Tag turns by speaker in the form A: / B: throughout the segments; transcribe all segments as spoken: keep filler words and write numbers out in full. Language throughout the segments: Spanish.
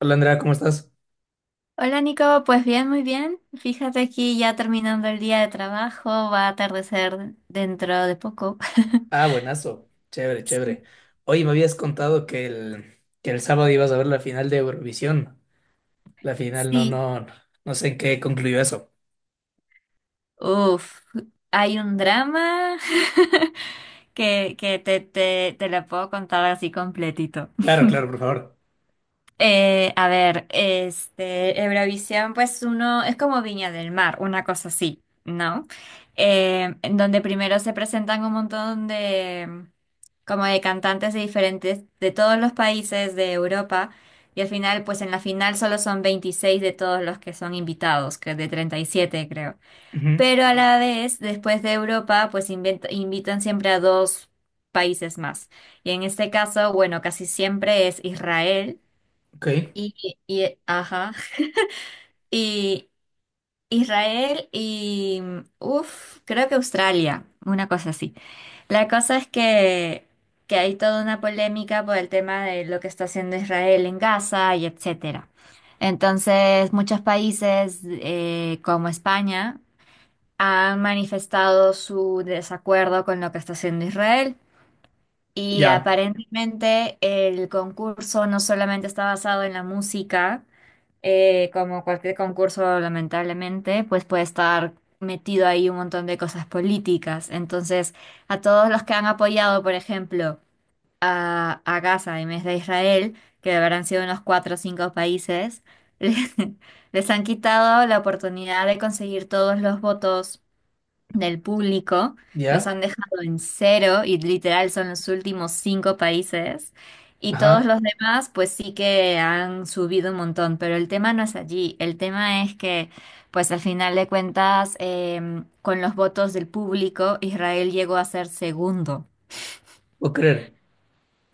A: Hola Andrea, ¿cómo estás?
B: Hola Nico, pues bien, muy bien. Fíjate aquí ya terminando el día de trabajo, va a atardecer dentro de poco.
A: Ah, buenazo. Chévere,
B: Sí,
A: chévere. Oye, me habías contado que el, que el sábado ibas a ver la final de Eurovisión. La final, no,
B: sí.
A: no, no sé en qué concluyó eso.
B: Uf, Hay un drama que, que te, te, te lo puedo contar así completito.
A: Claro, claro, por favor.
B: Eh, a ver, este, Eurovisión, pues uno es como Viña del Mar, una cosa así, ¿no? Eh, en donde primero se presentan un montón de, como de cantantes de diferentes, de todos los países de Europa, y al final, pues en la final solo son veintiséis de todos los que son invitados, que de treinta y siete creo.
A: Ujú,
B: Pero a la vez, después de Europa, pues invent- invitan siempre a dos países más. Y en este caso, bueno, casi siempre es Israel.
A: Ok,
B: Y, y- ajá. Y Israel y, uff, creo que Australia, una cosa así. La cosa es que, que hay toda una polémica por el tema de lo que está haciendo Israel en Gaza y etcétera. Entonces, muchos países eh, como España han manifestado su desacuerdo con lo que está haciendo Israel. Y
A: ya,
B: aparentemente el concurso no solamente está basado en la música, eh, como cualquier concurso, lamentablemente, pues puede estar metido ahí un montón de cosas políticas. Entonces, a todos los que han apoyado, por ejemplo, a, a Gaza en vez de Israel, que habrán sido unos cuatro o cinco países, les, les han quitado la oportunidad de conseguir todos los votos del público, los
A: ya,
B: han dejado en cero y literal son los últimos cinco países. Y todos
A: ajá,
B: los demás, pues sí que han subido un montón, pero el tema no es allí. El tema es que, pues al final de cuentas, em, con los votos del público, Israel llegó a ser segundo.
A: puedo creer.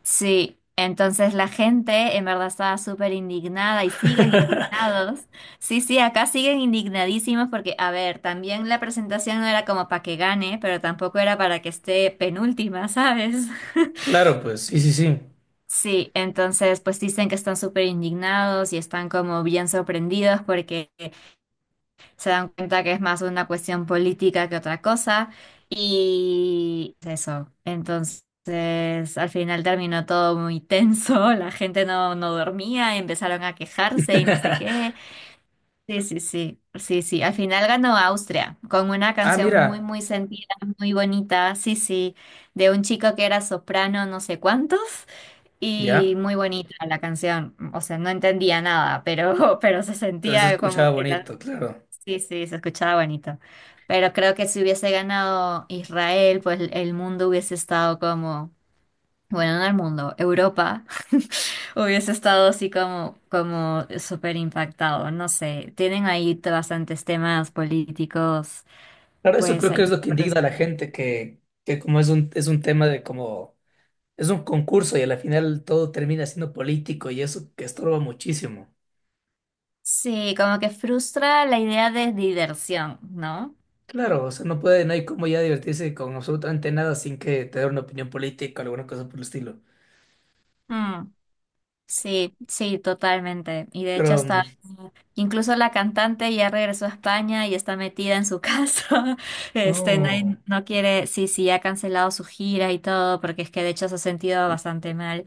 B: Sí, entonces la gente en verdad estaba súper indignada y siguen indignados. Sí, sí, acá siguen indignadísimos porque, a ver, también la presentación no era como para que gane, pero tampoco era para que esté penúltima, ¿sabes?
A: Claro, pues, sí, sí, sí.
B: Sí, entonces pues dicen que están súper indignados y están como bien sorprendidos porque se dan cuenta que es más una cuestión política que otra cosa y eso. Entonces, al final terminó todo muy tenso, la gente no, no dormía, empezaron a quejarse y no sé qué. Sí, sí, sí, sí, sí. Al final ganó Austria con una
A: Ah,
B: canción muy,
A: mira,
B: muy sentida, muy bonita, sí, sí, de un chico que era soprano, no sé cuántos, y
A: ya,
B: muy bonita la canción. O sea, no entendía nada, pero, pero se
A: pero se
B: sentía
A: escuchaba
B: como que la.
A: bonito, claro.
B: Sí, sí, se escuchaba bonito. Pero creo que si hubiese ganado Israel, pues el mundo hubiese estado como, bueno, no el mundo, Europa hubiese estado así como, como súper impactado. No sé, tienen ahí bastantes temas políticos,
A: Claro, eso
B: pues
A: creo que es
B: ahí
A: lo que
B: por
A: indigna a la
B: resolver.
A: gente, que, que como es un, es un tema de como. Es un concurso y a la final todo termina siendo político y eso que estorba muchísimo.
B: Sí, como que frustra la idea de diversión, ¿no?
A: Claro, o sea, no puede, no hay como ya divertirse con absolutamente nada sin que te dé una opinión política o alguna cosa por el estilo.
B: Mm. Sí, sí, totalmente. Y de hecho
A: Pero,
B: hasta
A: mm,
B: incluso la cantante ya regresó a España y está metida en su casa. Este, no,
A: no.
B: no quiere, sí, sí, ha cancelado su gira y todo, porque es que de hecho se ha sentido bastante mal.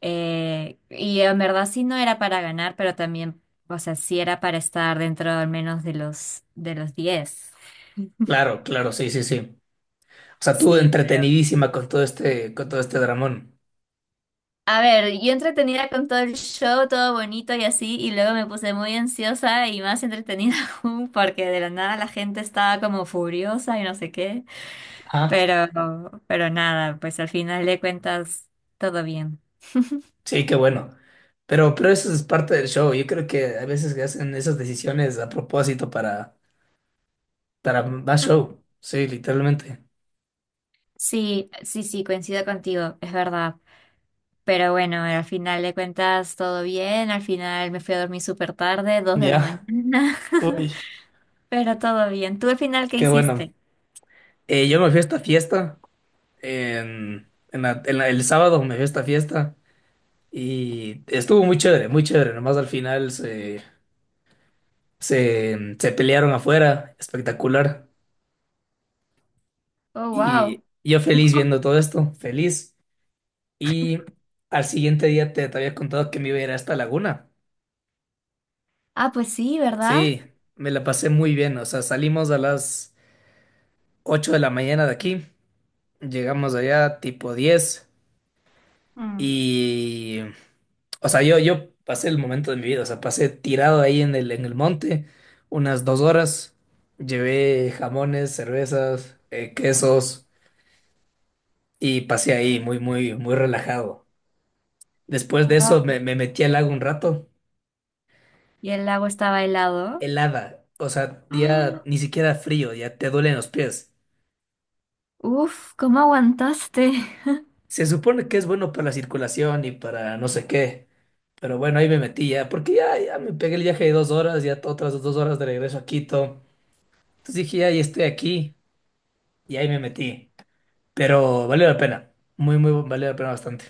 B: Eh, y en verdad sí no era para ganar, pero también, o sea, sí era para estar dentro al menos de los de los diez.
A: Claro, claro, sí, sí, sí. O sea, tú
B: Sí,
A: entretenidísima con todo este, con todo este dramón.
B: a ver, yo entretenida con todo el show, todo bonito y así, y luego me puse muy ansiosa y más entretenida aún porque de la nada la gente estaba como furiosa y no sé qué,
A: Ah,
B: pero, pero nada, pues al final de cuentas todo bien.
A: sí, qué bueno. Pero, pero eso es parte del show. Yo creo que a veces que hacen esas decisiones a propósito para, para más show. Sí, literalmente.
B: Sí, sí, sí, coincido contigo, es verdad. Pero bueno, al final de cuentas todo bien, al final me fui a dormir súper tarde, dos de la
A: Ya.
B: mañana,
A: Uy,
B: pero todo bien. ¿Tú al final qué
A: qué bueno.
B: hiciste?
A: Eh, yo me fui a esta fiesta en, en la- en la- el sábado me fui a esta fiesta y estuvo muy chévere, muy chévere. Nomás al final se, se, se pelearon afuera, espectacular.
B: Oh, wow.
A: Y yo feliz viendo todo esto, feliz. Y al siguiente día te, te había contado que me iba a ir a esta laguna.
B: Ah, pues sí, ¿verdad?
A: Sí, me la pasé muy bien. O sea, salimos a las ocho de la mañana de aquí, llegamos allá tipo diez.
B: Mm.
A: Y, o sea, yo, yo pasé el momento de mi vida, o sea, pasé tirado ahí en el, en el monte unas dos horas, llevé jamones, cervezas, eh, quesos y pasé ahí muy, muy, muy relajado. Después de eso
B: Wow.
A: me, me metí al lago un rato,
B: Y el lago estaba helado.
A: helada, o sea, ya
B: ¡Ah!
A: ni siquiera frío, ya te duelen los pies.
B: Uf, ¿cómo aguantaste?
A: Se supone que es bueno para la circulación y para no sé qué, pero bueno, ahí me metí ya, porque ya, ya me pegué el viaje de dos horas, ya otras dos horas de regreso a Quito. Entonces dije, ahí estoy aquí y ahí me metí. Pero valió la pena, muy, muy, valió la pena bastante.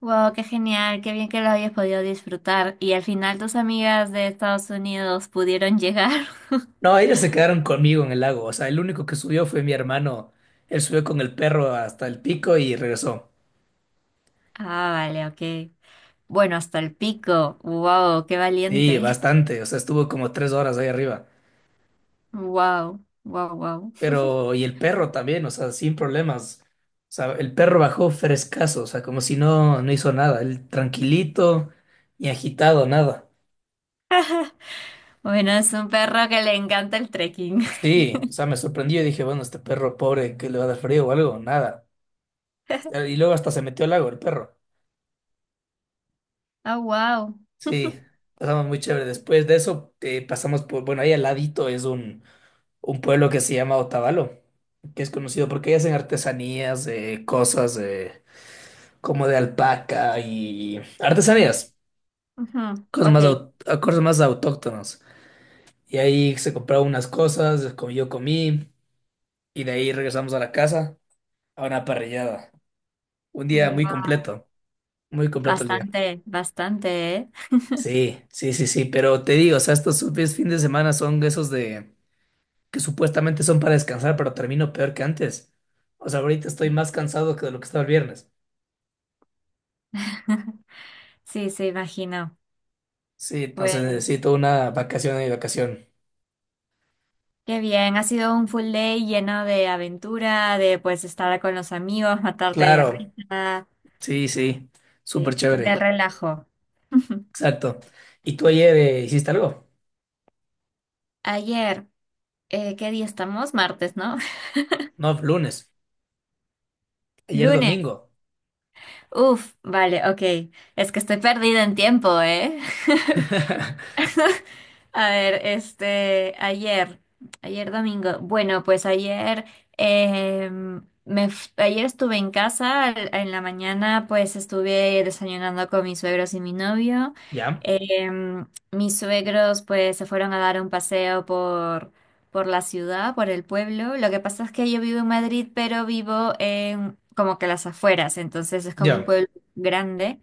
B: Wow, qué genial, qué bien que lo hayas podido disfrutar. Y al final tus amigas de Estados Unidos pudieron llegar.
A: No, ellos se quedaron conmigo en el lago, o sea, el único que subió fue mi hermano. Él subió con el perro hasta el pico y regresó.
B: Ah, vale, ok. Bueno, hasta el pico. Wow, qué
A: Sí,
B: valiente.
A: bastante, o sea, estuvo como tres horas ahí arriba.
B: Wow, wow, wow.
A: Pero, y el perro también, o sea, sin problemas. O sea, el perro bajó frescazo, o sea, como si no, no hizo nada, él tranquilito, ni agitado, nada.
B: Bueno, es un perro que le encanta el trekking.
A: Sí, o sea, me sorprendió y dije, bueno, este perro pobre, ¿que le va a dar frío o algo? Nada. Y luego hasta se metió al lago el perro.
B: Ah, wow.
A: Sí, pasamos muy chévere. Después de eso, eh, pasamos por, bueno, ahí al ladito es un, un pueblo que se llama Otavalo, que es conocido porque ahí hacen artesanías, eh, cosas eh, como de alpaca y artesanías,
B: Ujú,
A: cosas
B: ok.
A: más, au- cosas más autóctonas. Y ahí se compraron unas cosas, co- yo comí, y de ahí regresamos a la casa a una parrillada. Un día muy
B: Wow.
A: completo, muy completo.
B: Bastante, bastante, ¿eh?
A: Sí, sí, sí, sí, pero te digo, o sea, estos sub- fines de semana son esos de que supuestamente son para descansar, pero termino peor que antes. O sea, ahorita estoy más cansado que de lo que estaba el viernes.
B: Sí, se imagino.
A: Sí, entonces
B: Pues.
A: necesito una vacación y vacación.
B: Qué bien, ha sido un full day lleno de aventura, de pues estar con los amigos, matarte de
A: Claro,
B: risa,
A: sí, sí, súper
B: de, de
A: chévere,
B: relajo.
A: exacto. ¿Y tú ayer eh, hiciste algo?
B: Ayer, eh, ¿qué día estamos? Martes, ¿no?
A: No, lunes, ayer
B: Lunes.
A: domingo.
B: Uf, vale, ok. Es que estoy perdida en tiempo, ¿eh? A ver, este, ayer, ayer domingo. Bueno, pues ayer, eh, me, f- ayer estuve en casa, al- en la mañana pues estuve desayunando con mis suegros y mi novio.
A: ¿Ya?
B: Eh, Mis suegros pues se fueron a dar un paseo por, por la ciudad, por el pueblo. Lo que pasa es que yo vivo en Madrid, pero vivo en como que las afueras, entonces es como un
A: Ya.
B: pueblo grande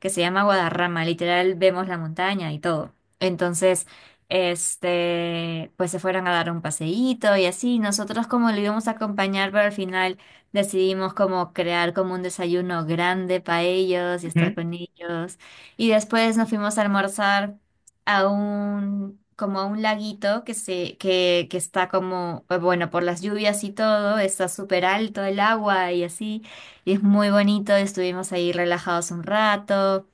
B: que se llama Guadarrama, literal vemos la montaña y todo. Entonces este, pues se fueron a dar un paseíto y así. Nosotros como lo íbamos a acompañar, pero al final decidimos como crear como un desayuno grande para ellos y estar
A: Ujú,
B: con ellos. Y después nos fuimos a almorzar a un, como a un laguito que se, que, que está como, pues, bueno, por las lluvias y todo, está súper alto el agua y así. Y es muy bonito, estuvimos ahí relajados un rato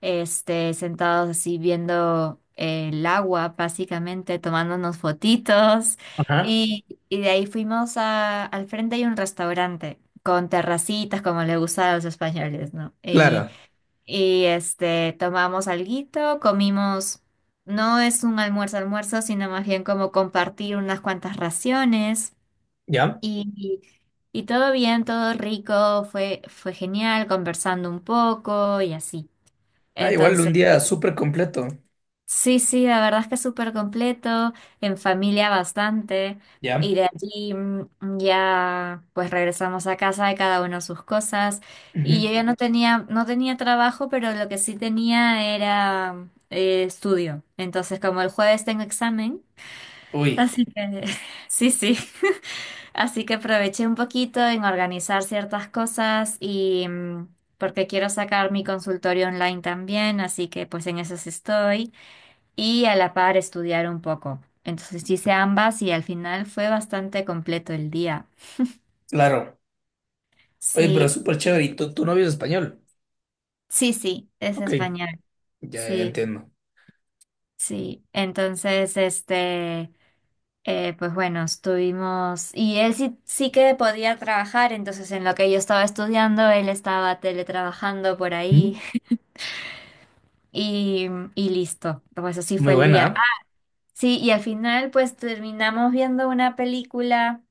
B: este, sentados así viendo eh, el agua, básicamente, tomándonos fotitos.
A: Ajá.
B: Y, y de ahí fuimos a- al frente hay un restaurante con terracitas, como le gusta a los españoles, ¿no? Y,
A: Claro,
B: y este, tomamos alguito, comimos, no es un almuerzo almuerzo, sino más bien como compartir unas cuantas raciones.
A: ¿ya?
B: Y, y todo bien, todo rico, fue, fue genial, conversando un poco y así.
A: Ah, igual
B: Entonces,
A: un día súper completo.
B: sí, sí, la verdad es que es súper completo, en familia bastante,
A: ¿Ya?
B: y de allí mm, ya pues regresamos a casa de cada uno sus cosas, y
A: Ujú.
B: yo ya no tenía, no tenía trabajo, pero lo que sí tenía era eh, estudio, entonces como el jueves tengo examen,
A: Uy,
B: así que sí, sí, así que aproveché un poquito en organizar ciertas cosas y... mm, porque quiero sacar mi consultorio online también, así que pues en eso sí estoy y a la par estudiar un poco. Entonces sí hice ambas y al final fue bastante completo el día.
A: claro. Oye, pero
B: Sí,
A: súper chévere. ¿Y tu, tu novio es español?
B: sí, sí, es
A: Ok,
B: español.
A: ya
B: Sí,
A: entiendo.
B: sí. Entonces, este, eh, pues bueno, estuvimos... Y él sí, sí que podía trabajar, entonces en lo que yo estaba estudiando, él estaba teletrabajando por ahí
A: Mm.
B: y, y listo. Pues así
A: Muy
B: fue el
A: buena,
B: día. Ah,
A: ¿ah?
B: sí, y al final pues terminamos viendo una película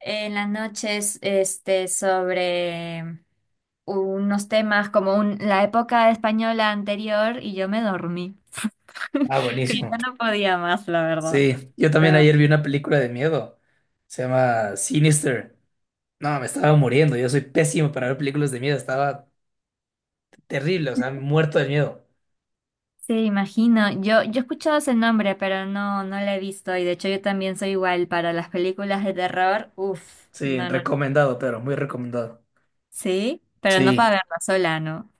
B: en las noches este, sobre unos temas como un- la época española anterior y yo me dormí,
A: Ah,
B: que yo
A: buenísimo.
B: no podía más, la verdad.
A: Sí, yo también
B: Pero,
A: ayer vi una película de miedo. Se llama Sinister. No, me estaba muriendo. Yo soy pésimo para ver películas de miedo. Estaba terrible, o sea, muerto de miedo.
B: sí, imagino. Yo, yo he escuchado ese nombre, pero no, no lo he visto y de hecho yo también soy igual para las películas de terror. Uf,
A: Sí,
B: no, no, no.
A: recomendado, pero muy recomendado.
B: Sí, pero no
A: Sí.
B: para verla sola, ¿no?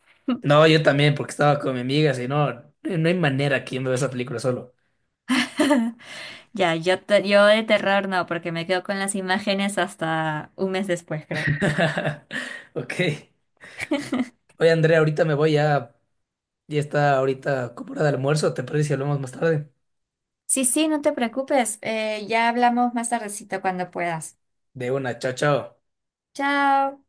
A: No, yo también, porque estaba con mi amiga, si no, no no hay manera que yo me vea esa película solo.
B: Ya, yo, te- yo de terror no, porque me quedo con las imágenes hasta un mes después, creo.
A: Ok. Oye, Andrea, ahorita me voy ya. Ya está ahorita como hora de almuerzo, ¿te parece si hablamos más tarde?
B: Sí, sí, no te preocupes. Eh, ya hablamos más tardecito cuando puedas.
A: De una, chao, chao.
B: Chao.